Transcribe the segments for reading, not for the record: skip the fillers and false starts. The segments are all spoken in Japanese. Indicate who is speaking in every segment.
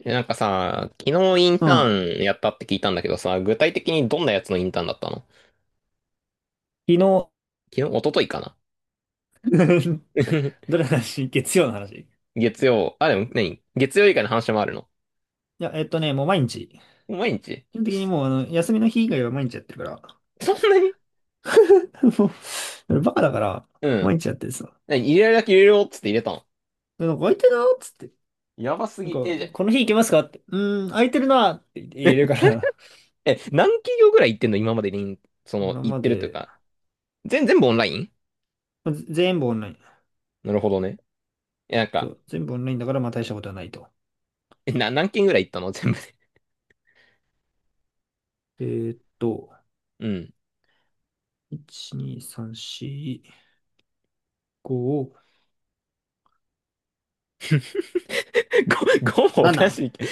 Speaker 1: えさ、昨日イン
Speaker 2: う
Speaker 1: タ
Speaker 2: ん。昨
Speaker 1: ーンやったって聞いたんだけどさ、具体的にどんなやつのインターンだったの？
Speaker 2: 日
Speaker 1: 昨日、一昨日かな。
Speaker 2: どれ の話？月曜の話？い
Speaker 1: 月曜。あ、でも何、月曜以外の話もあるの？
Speaker 2: や、えっとね、もう毎日。
Speaker 1: 毎日？
Speaker 2: 基本的にもう、休みの日以外は毎日やってるから。
Speaker 1: そんなに？
Speaker 2: もう、俺バカだから、
Speaker 1: うん。
Speaker 2: 毎日やってるさ。
Speaker 1: 何、入れるだけ入れろっつって入れたの？
Speaker 2: でなんか空いてるなっつって。
Speaker 1: やばす
Speaker 2: なん
Speaker 1: ぎ。え、じゃ、
Speaker 2: か、この日行けますかって。うーん、空いてるなって 言えるか
Speaker 1: え、
Speaker 2: ら。
Speaker 1: 何企業ぐらい行ってんの今までに、そ の、
Speaker 2: 今
Speaker 1: 行っ
Speaker 2: ま
Speaker 1: てるという
Speaker 2: で、
Speaker 1: か。全、全部オンライン？
Speaker 2: まず全部オンライン。
Speaker 1: なるほどね。え、
Speaker 2: そう、全部オンラインだから、まあ大したことはないと。
Speaker 1: え、な、何件ぐらい行ったの全部で。
Speaker 2: えーっと、
Speaker 1: うん。
Speaker 2: 1、2、3、4、5、
Speaker 1: 5、ごもおか
Speaker 2: 7。
Speaker 1: しいけど。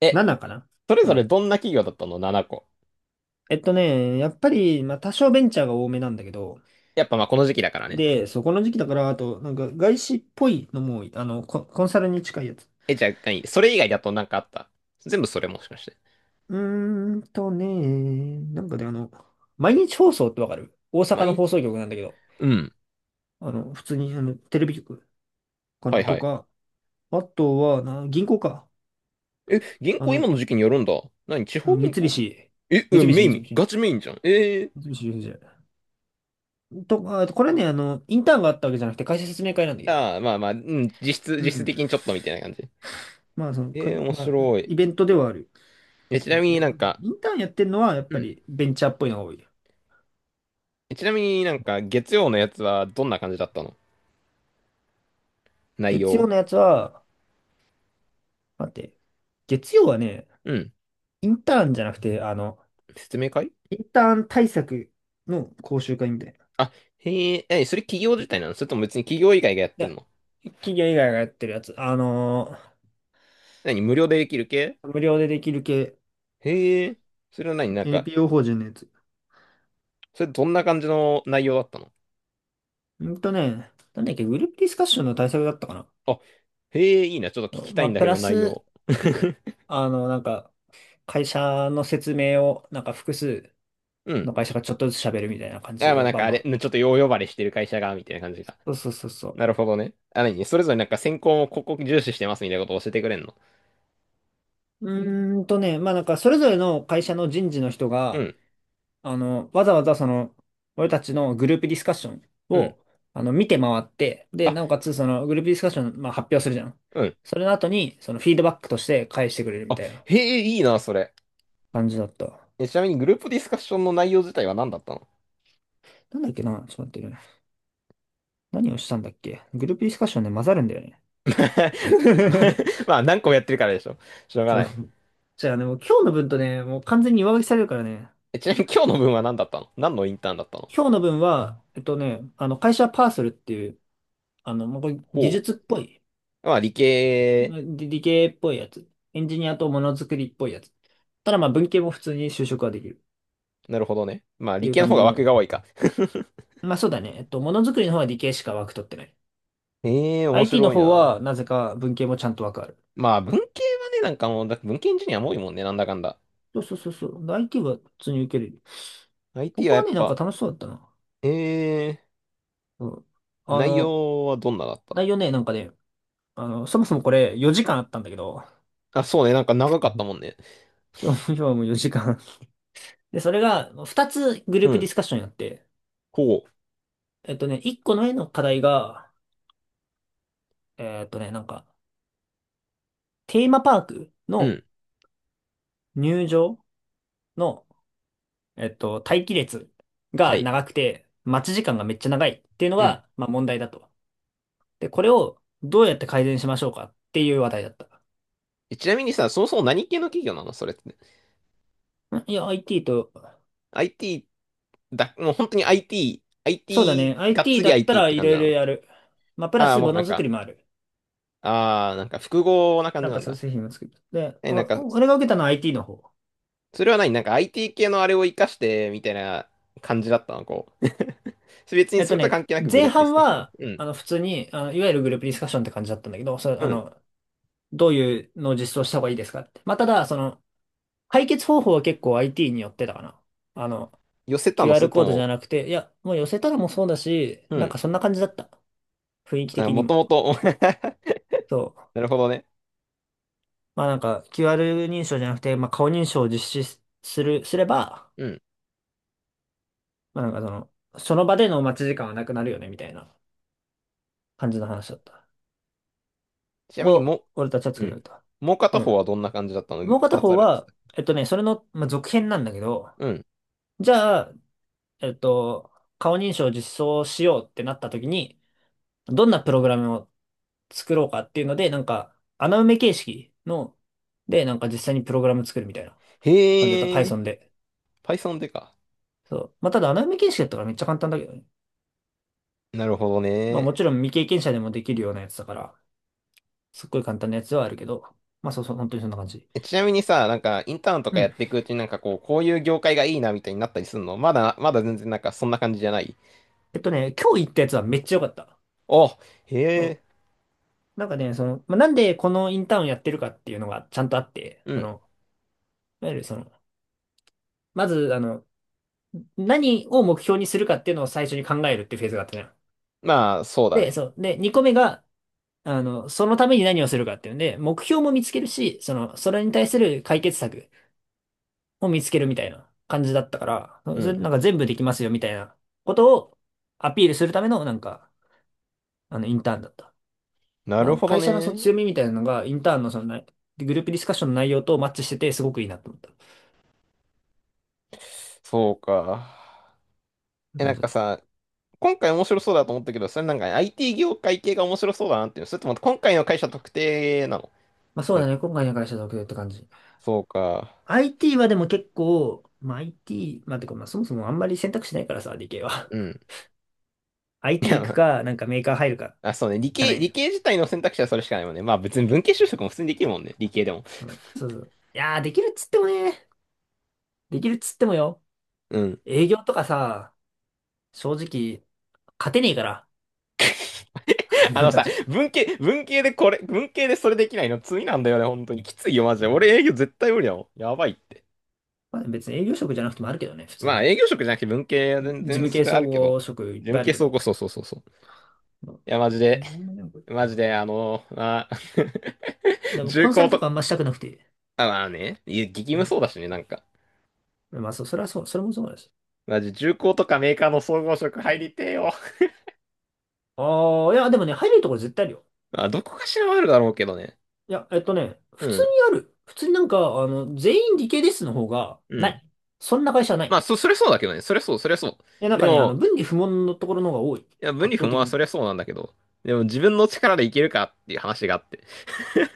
Speaker 1: え、
Speaker 2: 7かな。
Speaker 1: それ
Speaker 2: う
Speaker 1: ぞれ
Speaker 2: ん。
Speaker 1: どんな企業だったの？ 7 個。
Speaker 2: やっぱり、まあ多少ベンチャーが多めなんだけど、
Speaker 1: やっぱまあこの時期だからね。
Speaker 2: で、そこの時期だから、あと、なんか外資っぽいのも、コンサルに近いやつ。
Speaker 1: え、じゃあ、何、それ以外だとなんかあった？全部それもしかして。
Speaker 2: うーんとね、なんかね、あの、毎日放送ってわかる？大阪の
Speaker 1: 毎
Speaker 2: 放
Speaker 1: 日。
Speaker 2: 送局なんだけど、
Speaker 1: うん。
Speaker 2: 普通に、テレビ局か
Speaker 1: は
Speaker 2: な
Speaker 1: い
Speaker 2: と
Speaker 1: はい。
Speaker 2: か、あとは、銀行か。
Speaker 1: え、銀
Speaker 2: あ
Speaker 1: 行
Speaker 2: の、
Speaker 1: 今の時期によるんだ。何、地
Speaker 2: あ
Speaker 1: 方
Speaker 2: の三
Speaker 1: 銀
Speaker 2: 菱、
Speaker 1: 行？え、
Speaker 2: 三
Speaker 1: うん、
Speaker 2: 菱、
Speaker 1: メイ
Speaker 2: 三
Speaker 1: ン、
Speaker 2: 菱、
Speaker 1: ガチメインじゃん。え
Speaker 2: 三
Speaker 1: ー。
Speaker 2: 菱ユーエフジェーとか、あとこれね、インターンがあったわけじゃなくて、会社説明会なんだけど。
Speaker 1: ああ、まあまあ、うん、実質、
Speaker 2: う
Speaker 1: 実質
Speaker 2: ん。
Speaker 1: 的にちょっとみたいな感じ。
Speaker 2: まあ、その、か、
Speaker 1: えー、面
Speaker 2: まあ、
Speaker 1: 白い。
Speaker 2: イベントではある
Speaker 1: え、ち
Speaker 2: 感
Speaker 1: なみ
Speaker 2: じ。
Speaker 1: に
Speaker 2: やっぱね、インターンやってるのは、やっ
Speaker 1: う
Speaker 2: ぱ
Speaker 1: ん。
Speaker 2: りベンチャーっぽいのが多い。
Speaker 1: え、ちなみに月曜のやつはどんな感じだったの？内
Speaker 2: 月曜
Speaker 1: 容。
Speaker 2: のやつは、待って、月曜はね、
Speaker 1: うん。
Speaker 2: インターンじゃなくて、
Speaker 1: 説明会？
Speaker 2: インターン対策の講習会みたいな。
Speaker 1: あ、へえ、え、それ企業自体なの、それとも別に企業以外がやってん
Speaker 2: で
Speaker 1: の？
Speaker 2: 企業以外がやってるやつ。
Speaker 1: 何、無料でできる系？
Speaker 2: 無料でできる系、
Speaker 1: へえ、それは何
Speaker 2: NPO 法人のやつ。
Speaker 1: それどんな感じの内容だったの？
Speaker 2: うんとね、なんだっけ、グループディスカッションの対策だったかな。
Speaker 1: あ、へえ、いいな。ちょっと聞きた
Speaker 2: ま
Speaker 1: い
Speaker 2: あ、
Speaker 1: んだ
Speaker 2: プ
Speaker 1: け
Speaker 2: ラ
Speaker 1: ど、内
Speaker 2: ス、
Speaker 1: 容。
Speaker 2: あの、なんか、会社の説明を、なんか複数
Speaker 1: うん。
Speaker 2: の会社がちょっとずつ喋るみたいな感
Speaker 1: あ、
Speaker 2: じ
Speaker 1: まあ
Speaker 2: の
Speaker 1: なん
Speaker 2: 場
Speaker 1: かあ
Speaker 2: もあ
Speaker 1: れ、ち
Speaker 2: って。
Speaker 1: ょっとよう呼ばれしてる会社が、みたいな感じが。
Speaker 2: そうそうそうそう。
Speaker 1: なるほどね。あ、何、それぞれなんか選考をここ重視してますみたいなことを教えてくれんの？
Speaker 2: それぞれの会社の人事の人
Speaker 1: う
Speaker 2: が、
Speaker 1: ん、
Speaker 2: わざわざその、俺たちのグループディスカッション
Speaker 1: うん。
Speaker 2: を、見て回って、で、
Speaker 1: あ、
Speaker 2: なおかつその、グループディスカッション、まあ、発表するじゃん。
Speaker 1: うん。
Speaker 2: それの後に、その、フィードバックとして返してくれるみ
Speaker 1: あ、
Speaker 2: たいな
Speaker 1: へえ、いいな、それ。
Speaker 2: 感じだった。
Speaker 1: えちなみにグループディスカッションの内容自体は何だったの？
Speaker 2: なんだっけな、ちょっと待ってね。何をしたんだっけ？グループディスカッションね、混ざるんだよね。
Speaker 1: まあ何個もやってるからでしょ。しょう が
Speaker 2: そ
Speaker 1: な
Speaker 2: う。
Speaker 1: い。
Speaker 2: じゃあね、もう今日の分とね、もう完全に上書きされるからね。
Speaker 1: えちなみに今日の分は何だったの？何のインターンだったの？
Speaker 2: 今日の分は、会社パーソルっていう、もうこれ技
Speaker 1: ほ
Speaker 2: 術っぽい、
Speaker 1: う。まあ理系？
Speaker 2: まあ理系っぽいやつ。エンジニアとものづくりっぽいやつ。ただまあ文系も普通に就職はできるっ
Speaker 1: なるほどね。まあ、
Speaker 2: て
Speaker 1: 理
Speaker 2: いう
Speaker 1: 系の
Speaker 2: 感
Speaker 1: 方
Speaker 2: じ
Speaker 1: が枠
Speaker 2: の。
Speaker 1: が多いか。
Speaker 2: まあそうだね。えっと、ものづくりの方は理系しか枠取ってない。
Speaker 1: ええー面
Speaker 2: IT の
Speaker 1: 白い
Speaker 2: 方
Speaker 1: な。
Speaker 2: はなぜか文系もちゃんと枠ある。
Speaker 1: まあ、文系はね、なんかもう、だ文系エンジニアも多いもんね、なんだかんだ。
Speaker 2: そうそうそうそう。で IT は普通に受ける。こ
Speaker 1: IT は
Speaker 2: こ
Speaker 1: や
Speaker 2: は
Speaker 1: っ
Speaker 2: ね、なんか
Speaker 1: ぱ、
Speaker 2: 楽しそうだったな。
Speaker 1: ええー
Speaker 2: うん。あ
Speaker 1: 内
Speaker 2: の、
Speaker 1: 容はどんなだった？
Speaker 2: 内容ね、そもそもこれ4時間あったんだけど、
Speaker 1: あ、そうね、なんか長かっ
Speaker 2: う
Speaker 1: た
Speaker 2: ん、
Speaker 1: もんね。
Speaker 2: 今日はもう4時間。で、それが2つグル
Speaker 1: う
Speaker 2: ープ
Speaker 1: ん。
Speaker 2: ディスカッションやって、
Speaker 1: ほ
Speaker 2: 1個の絵の課題が、えっとね、なんか、テーマパーク
Speaker 1: う。う
Speaker 2: の
Speaker 1: ん。
Speaker 2: 入場の、えっと、待機列
Speaker 1: は
Speaker 2: が
Speaker 1: い。
Speaker 2: 長くて、待ち時間がめっちゃ長いっていうの
Speaker 1: うん。
Speaker 2: が、まあ問題だと。で、これをどうやって改善しましょうかっていう話題だった。
Speaker 1: えちなみにさ、そもそも何系の企業なのそれって。
Speaker 2: IT と、
Speaker 1: IT？ だ、もう本当に IT、
Speaker 2: そうだ
Speaker 1: IT、
Speaker 2: ね、
Speaker 1: がっ
Speaker 2: IT
Speaker 1: つ
Speaker 2: だ
Speaker 1: り
Speaker 2: った
Speaker 1: IT っ
Speaker 2: ら
Speaker 1: て
Speaker 2: い
Speaker 1: 感
Speaker 2: ろ
Speaker 1: じ
Speaker 2: い
Speaker 1: な
Speaker 2: ろ
Speaker 1: の？
Speaker 2: やる。まあ、プラ
Speaker 1: ああー、
Speaker 2: ス
Speaker 1: もう
Speaker 2: も
Speaker 1: なん
Speaker 2: のづく
Speaker 1: か、
Speaker 2: りもある。
Speaker 1: ああ、なんか複合な感
Speaker 2: な
Speaker 1: じ
Speaker 2: ん
Speaker 1: な
Speaker 2: か
Speaker 1: ん
Speaker 2: そうい
Speaker 1: だ。
Speaker 2: う製品を作る。で、
Speaker 1: え、
Speaker 2: おお俺が受けたのは IT の方。
Speaker 1: それは何IT 系のあれを活かして、みたいな感じだったのこう。別に
Speaker 2: えっ
Speaker 1: そ
Speaker 2: と
Speaker 1: れとは
Speaker 2: ね、
Speaker 1: 関係なくグル
Speaker 2: 前
Speaker 1: ープディ
Speaker 2: 半
Speaker 1: スカッション。
Speaker 2: は、
Speaker 1: うん。
Speaker 2: 普通に、いわゆるグループディスカッションって感じだったんだけど、それ、
Speaker 1: う
Speaker 2: あ
Speaker 1: ん。
Speaker 2: の、どういうのを実装した方がいいですかって。まあ、ただ、解決方法は結構 IT によってたかな。あの、
Speaker 1: 寄せたの、そ
Speaker 2: QR
Speaker 1: れと
Speaker 2: コードじゃ
Speaker 1: も、
Speaker 2: なくて、いや、もう寄せたらもうそうだし、
Speaker 1: う
Speaker 2: なんか
Speaker 1: ん。
Speaker 2: そんな感じだった。雰囲気
Speaker 1: あ、
Speaker 2: 的に
Speaker 1: もと
Speaker 2: も。
Speaker 1: もと、
Speaker 2: そう。
Speaker 1: なるほどね。
Speaker 2: まあなんか QR 認証じゃなくて、まあ顔認証を実施すする、すれば、
Speaker 1: うん。
Speaker 2: まあなんかその、その場での待ち時間はなくなるよね、みたいな感じの話だった。
Speaker 1: ちなみに
Speaker 2: を、
Speaker 1: も、
Speaker 2: 俺たちは
Speaker 1: う
Speaker 2: 作り
Speaker 1: ん。
Speaker 2: 上げた。
Speaker 1: もう片
Speaker 2: う
Speaker 1: 方
Speaker 2: ん。
Speaker 1: はどんな感じだったの？
Speaker 2: もう片
Speaker 1: 二つ
Speaker 2: 方
Speaker 1: あるっ
Speaker 2: は、
Speaker 1: て
Speaker 2: それの、まあ、続編なんだけど、
Speaker 1: 言ってた。
Speaker 2: じゃあ、えっと、顔認証を実装しようってなった時に、どんなプログラムを作ろうかっていうので、なんか穴埋め形式の、で、なんか実際にプログラム作るみたいな
Speaker 1: うん。
Speaker 2: 感じだった。
Speaker 1: へえ、
Speaker 2: Python で。
Speaker 1: Python でか。
Speaker 2: そう。まあ、ただ穴埋め形式だったからめっちゃ簡単だけどね。
Speaker 1: なるほど
Speaker 2: まあも
Speaker 1: ね。
Speaker 2: ちろん未経験者でもできるようなやつだから、すっごい簡単なやつではあるけど、まあそうそう、本当にそんな感じ。
Speaker 1: えちなみにさ、インターンと
Speaker 2: う
Speaker 1: かやっ
Speaker 2: ん。
Speaker 1: ていくうちにこう、こういう業界がいいなみたいになったりするの？まだ、まだ全然なんかそんな感じじゃない？
Speaker 2: 今日行ったやつはめっちゃ良かった。
Speaker 1: お、へ
Speaker 2: そう。
Speaker 1: え、
Speaker 2: なんかね、その、まあ、なんでこのインターンやってるかっていうのがちゃんとあって、
Speaker 1: う
Speaker 2: そ
Speaker 1: ん。
Speaker 2: の、いわゆるその、まず、あの、何を目標にするかっていうのを最初に考えるっていうフェーズがあったね。
Speaker 1: まあ、そうだ
Speaker 2: で、
Speaker 1: ね。
Speaker 2: そう。で、2個目が、そのために何をするかっていうんで、目標も見つけるし、その、それに対する解決策も見つけるみたいな感じだったから、
Speaker 1: う
Speaker 2: それ
Speaker 1: ん。
Speaker 2: なんか全部できますよみたいなことをアピールするための、インターンだった。
Speaker 1: な
Speaker 2: ま
Speaker 1: る
Speaker 2: あ、
Speaker 1: ほど
Speaker 2: 会社のその
Speaker 1: ね。
Speaker 2: 強みみたいなのが、インターンのその内、グループディスカッションの内容とマッチしてて、すごくいいなと思った。そ
Speaker 1: そうか。
Speaker 2: ういう
Speaker 1: え、な
Speaker 2: 感
Speaker 1: ん
Speaker 2: じだ
Speaker 1: か
Speaker 2: った。
Speaker 1: さ、今回面白そうだと思ったけど、それなんか IT 業界系が面白そうだなっていう。それとも今回の会社特定なの？
Speaker 2: まあ、そう
Speaker 1: なん
Speaker 2: だ
Speaker 1: か、
Speaker 2: ね。今回の会社だけって感じ。
Speaker 1: そうか。
Speaker 2: IT はでも結構、まあ、IT、まあ、てか、まあ、そもそもあんまり選択肢ないからさ、理系は。
Speaker 1: うん。い
Speaker 2: IT
Speaker 1: や、
Speaker 2: 行く
Speaker 1: ま
Speaker 2: か、なんかメーカー入るか、
Speaker 1: あ、あそうね。理
Speaker 2: しかな
Speaker 1: 系、
Speaker 2: いの
Speaker 1: 理
Speaker 2: よ。
Speaker 1: 系自体の選択肢はそれしかないもんね。まあ別に文系就職も普通にできるもんね。理系でも。
Speaker 2: うん、そうそう。できるっつってもよ。
Speaker 1: うん。
Speaker 2: 営業とかさ、正直、勝てねえから、
Speaker 1: あ
Speaker 2: 俺
Speaker 1: の
Speaker 2: た
Speaker 1: さ、
Speaker 2: ち。
Speaker 1: 文系、文系でこれ、文系でそれできないの罪なんだよね、本当に。きついよ、マジ
Speaker 2: う
Speaker 1: で。俺
Speaker 2: ん、
Speaker 1: 営業絶対無理だもん。やばいって。
Speaker 2: まあ、別に営業職じゃなくてもあるけどね、普通
Speaker 1: まあ
Speaker 2: に。
Speaker 1: 営業職じゃなくて文系は全
Speaker 2: 事
Speaker 1: 然
Speaker 2: 務
Speaker 1: そ
Speaker 2: 系
Speaker 1: れあ
Speaker 2: 総
Speaker 1: るけ
Speaker 2: 合
Speaker 1: ど、
Speaker 2: 職いっ
Speaker 1: 事
Speaker 2: ぱ
Speaker 1: 務
Speaker 2: いある
Speaker 1: 系
Speaker 2: け
Speaker 1: そうこ
Speaker 2: ど。
Speaker 1: そうそうそうそう。
Speaker 2: う
Speaker 1: いや、マジで、
Speaker 2: ん、なんだねこれ。
Speaker 1: マジで、あの、まあ
Speaker 2: で もコ
Speaker 1: 重
Speaker 2: ンサ
Speaker 1: 工
Speaker 2: ルとか
Speaker 1: と、
Speaker 2: あんましたくなくて。
Speaker 1: あ、まあね、いや激務
Speaker 2: う
Speaker 1: そうだしね、なんか。
Speaker 2: んまあ、そう、それはそう、それもそうです。
Speaker 1: マジ重工とかメーカーの総合職入りてえよ。
Speaker 2: ああ、いや、でもね、入れるところ絶対あるよ。
Speaker 1: まあ、どこかしらはあるだろうけどね。
Speaker 2: いや、
Speaker 1: う
Speaker 2: 普通
Speaker 1: ん、
Speaker 2: にある。普通になんか、あの、全員理系ですの方が、
Speaker 1: う
Speaker 2: な
Speaker 1: ん。
Speaker 2: い。そんな会社はない。
Speaker 1: まあ、
Speaker 2: い
Speaker 1: そ、それそうだけどね、それそう、それそ
Speaker 2: や、
Speaker 1: う。
Speaker 2: なん
Speaker 1: で
Speaker 2: かね、あの、
Speaker 1: も、
Speaker 2: 文理不問のところの方が多い。
Speaker 1: いや、分離
Speaker 2: 圧
Speaker 1: 不
Speaker 2: 倒
Speaker 1: 毛
Speaker 2: 的
Speaker 1: はそ
Speaker 2: に。
Speaker 1: れそうなんだけど、でも自分の力でいけるかっていう話があって。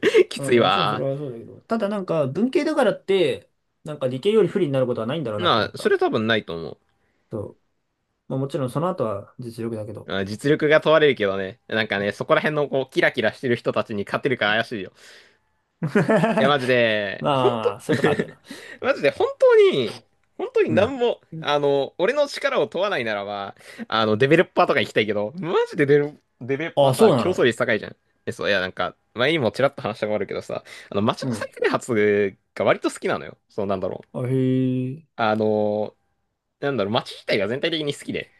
Speaker 1: き
Speaker 2: う
Speaker 1: つい
Speaker 2: ん、もちろんそ
Speaker 1: わ。
Speaker 2: れはそうだけど。ただなんか、文系だからって、なんか理系より不利になることはないんだろうなって
Speaker 1: ま
Speaker 2: 思っ
Speaker 1: あ、それ
Speaker 2: た。
Speaker 1: 多分ないと思う。
Speaker 2: そう。まあもちろんその後は実力だけど。
Speaker 1: まあ実力が問われるけどね。なんかね、そこら辺のこう、キラキラしてる人たちに勝てるか怪しいよ。いや、マジ で、本
Speaker 2: ま
Speaker 1: 当
Speaker 2: あ、そういうとこあるよな。
Speaker 1: マジで、本当に、本当に
Speaker 2: う
Speaker 1: なん
Speaker 2: ん。
Speaker 1: も、あの、俺の力を問わないならば、あの、デベロッパーとか行きたいけど、マジでデベロ、デベロッパー
Speaker 2: あ、
Speaker 1: さ、
Speaker 2: そうな
Speaker 1: 競争
Speaker 2: の？
Speaker 1: 率高いじゃん。え、そう、いや、前にもちらっと話したことあるけどさ、あの、街
Speaker 2: う
Speaker 1: の
Speaker 2: ん。
Speaker 1: 再開発が割と好きなのよ。そう、なんだろう。
Speaker 2: あ、へえ。
Speaker 1: あの、なんだろう、街自体が全体的に好きで、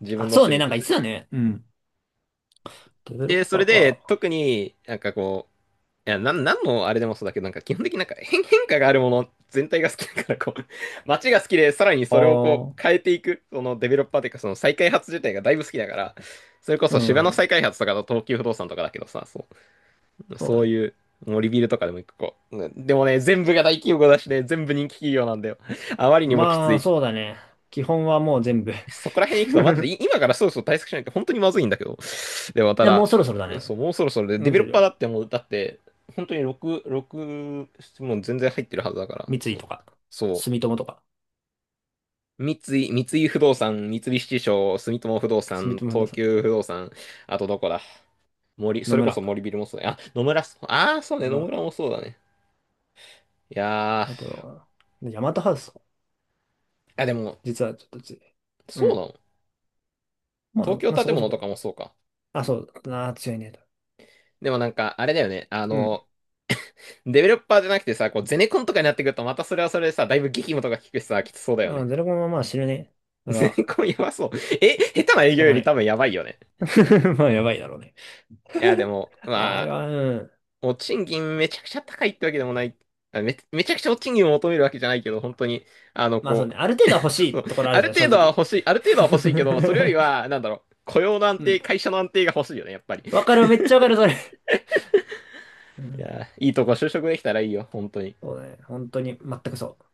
Speaker 1: 自分
Speaker 2: あ、
Speaker 1: の
Speaker 2: そう
Speaker 1: 趣
Speaker 2: ね。
Speaker 1: 味
Speaker 2: なん
Speaker 1: と
Speaker 2: か言
Speaker 1: し
Speaker 2: っ
Speaker 1: て。
Speaker 2: てたね。うん。デベロッ
Speaker 1: で、そ
Speaker 2: パー
Speaker 1: れで、
Speaker 2: か。
Speaker 1: 特になんかこう、いや、なん、なんのあれでもそうだけど、なんか基本的になんか変、変化があるもの全体が好きだから、こう、街が好きで、さらに
Speaker 2: あ
Speaker 1: それをこう
Speaker 2: あ。
Speaker 1: 変えていく、そのデベロッパーというか、その再開発自体がだいぶ好きだから、それこ
Speaker 2: う
Speaker 1: そ芝の
Speaker 2: ん。
Speaker 1: 再開発とかの東急不動産とかだけどさ、そう、
Speaker 2: そう
Speaker 1: そ
Speaker 2: だ
Speaker 1: う
Speaker 2: ね。
Speaker 1: いう、もうリビルとかでも一個こう、うんでもね、全部が大企業だしね、全部人気企業なんだよ。あまりにもきつ
Speaker 2: まあ、
Speaker 1: い。
Speaker 2: そうだね。基本はもう全部 い
Speaker 1: そこら辺行くと、マジでい今からそろそろ対策しないと本当にまずいんだけど。でもまた
Speaker 2: や、もう
Speaker 1: だ、
Speaker 2: そろそろだね。
Speaker 1: そう、もうそろそろで、デ
Speaker 2: 見
Speaker 1: ベロ
Speaker 2: て
Speaker 1: ッ
Speaker 2: る
Speaker 1: パーだ
Speaker 2: よ。
Speaker 1: ってもう、だって、本当に6、6、もう全然入ってるはずだから、
Speaker 2: 三井
Speaker 1: そう。
Speaker 2: とか、
Speaker 1: そ
Speaker 2: 住友とか、
Speaker 1: う。三井、三井不動産、三菱地所、住友不動
Speaker 2: 住友
Speaker 1: 産、
Speaker 2: 不動
Speaker 1: 東
Speaker 2: 産、
Speaker 1: 急不動産、あとどこだ？森、
Speaker 2: 野
Speaker 1: それこ
Speaker 2: 村。
Speaker 1: そ森ビルもそうだよ。あ、野村、ああ、そうね、
Speaker 2: ほ
Speaker 1: 野村
Speaker 2: ら、
Speaker 1: もそうだね。いや
Speaker 2: あと
Speaker 1: ー、
Speaker 2: は、ヤマトハウス、
Speaker 1: あ、でも、
Speaker 2: 実はちょっと強い。う
Speaker 1: そうな
Speaker 2: ん。
Speaker 1: の？
Speaker 2: まあ、
Speaker 1: 東京
Speaker 2: まあそ
Speaker 1: 建
Speaker 2: こそ
Speaker 1: 物
Speaker 2: こ
Speaker 1: とか
Speaker 2: だ。
Speaker 1: もそうか。
Speaker 2: あ、そうだ。あー、強いねと。
Speaker 1: でもなんか、あれだよね、あ
Speaker 2: うん。
Speaker 1: の、デベロッパーじゃなくてさ、こう、ゼネコンとかになってくると、またそれはそれでさ、だいぶ激務とか聞くしさ、きつそうだよね。
Speaker 2: あ、ゼロコンはまあ死ぬね。それ
Speaker 1: ゼ
Speaker 2: は、
Speaker 1: ネコンやばそう。え、下手な営
Speaker 2: し
Speaker 1: 業
Speaker 2: ょう
Speaker 1: よ
Speaker 2: がな
Speaker 1: り多
Speaker 2: い。
Speaker 1: 分やばいよね。
Speaker 2: まあ、やばいだろうね。
Speaker 1: いや、で も、
Speaker 2: あ、あ
Speaker 1: ま
Speaker 2: れ
Speaker 1: あ、
Speaker 2: は、うん。
Speaker 1: お賃金めちゃくちゃ高いってわけでもない。あめ、めちゃくちゃお賃金を求めるわけじゃないけど、本当に、あの、
Speaker 2: まあそう
Speaker 1: こう、
Speaker 2: ね。ある程度は欲 しい
Speaker 1: そう、
Speaker 2: ところあ
Speaker 1: あ
Speaker 2: るじ
Speaker 1: る
Speaker 2: ゃん、正
Speaker 1: 程度は
Speaker 2: 直。
Speaker 1: 欲しい、ある程度は欲しいけど、それより は、なんだろう、雇用の安
Speaker 2: う
Speaker 1: 定、
Speaker 2: ん。
Speaker 1: 会社の安定が欲しいよね、やっぱり。
Speaker 2: わかる、めっちゃわかる、それ。う
Speaker 1: い
Speaker 2: ん。
Speaker 1: や、いいとこ就職できたらいいよ、本当に。
Speaker 2: そうね。本当に、全くそう。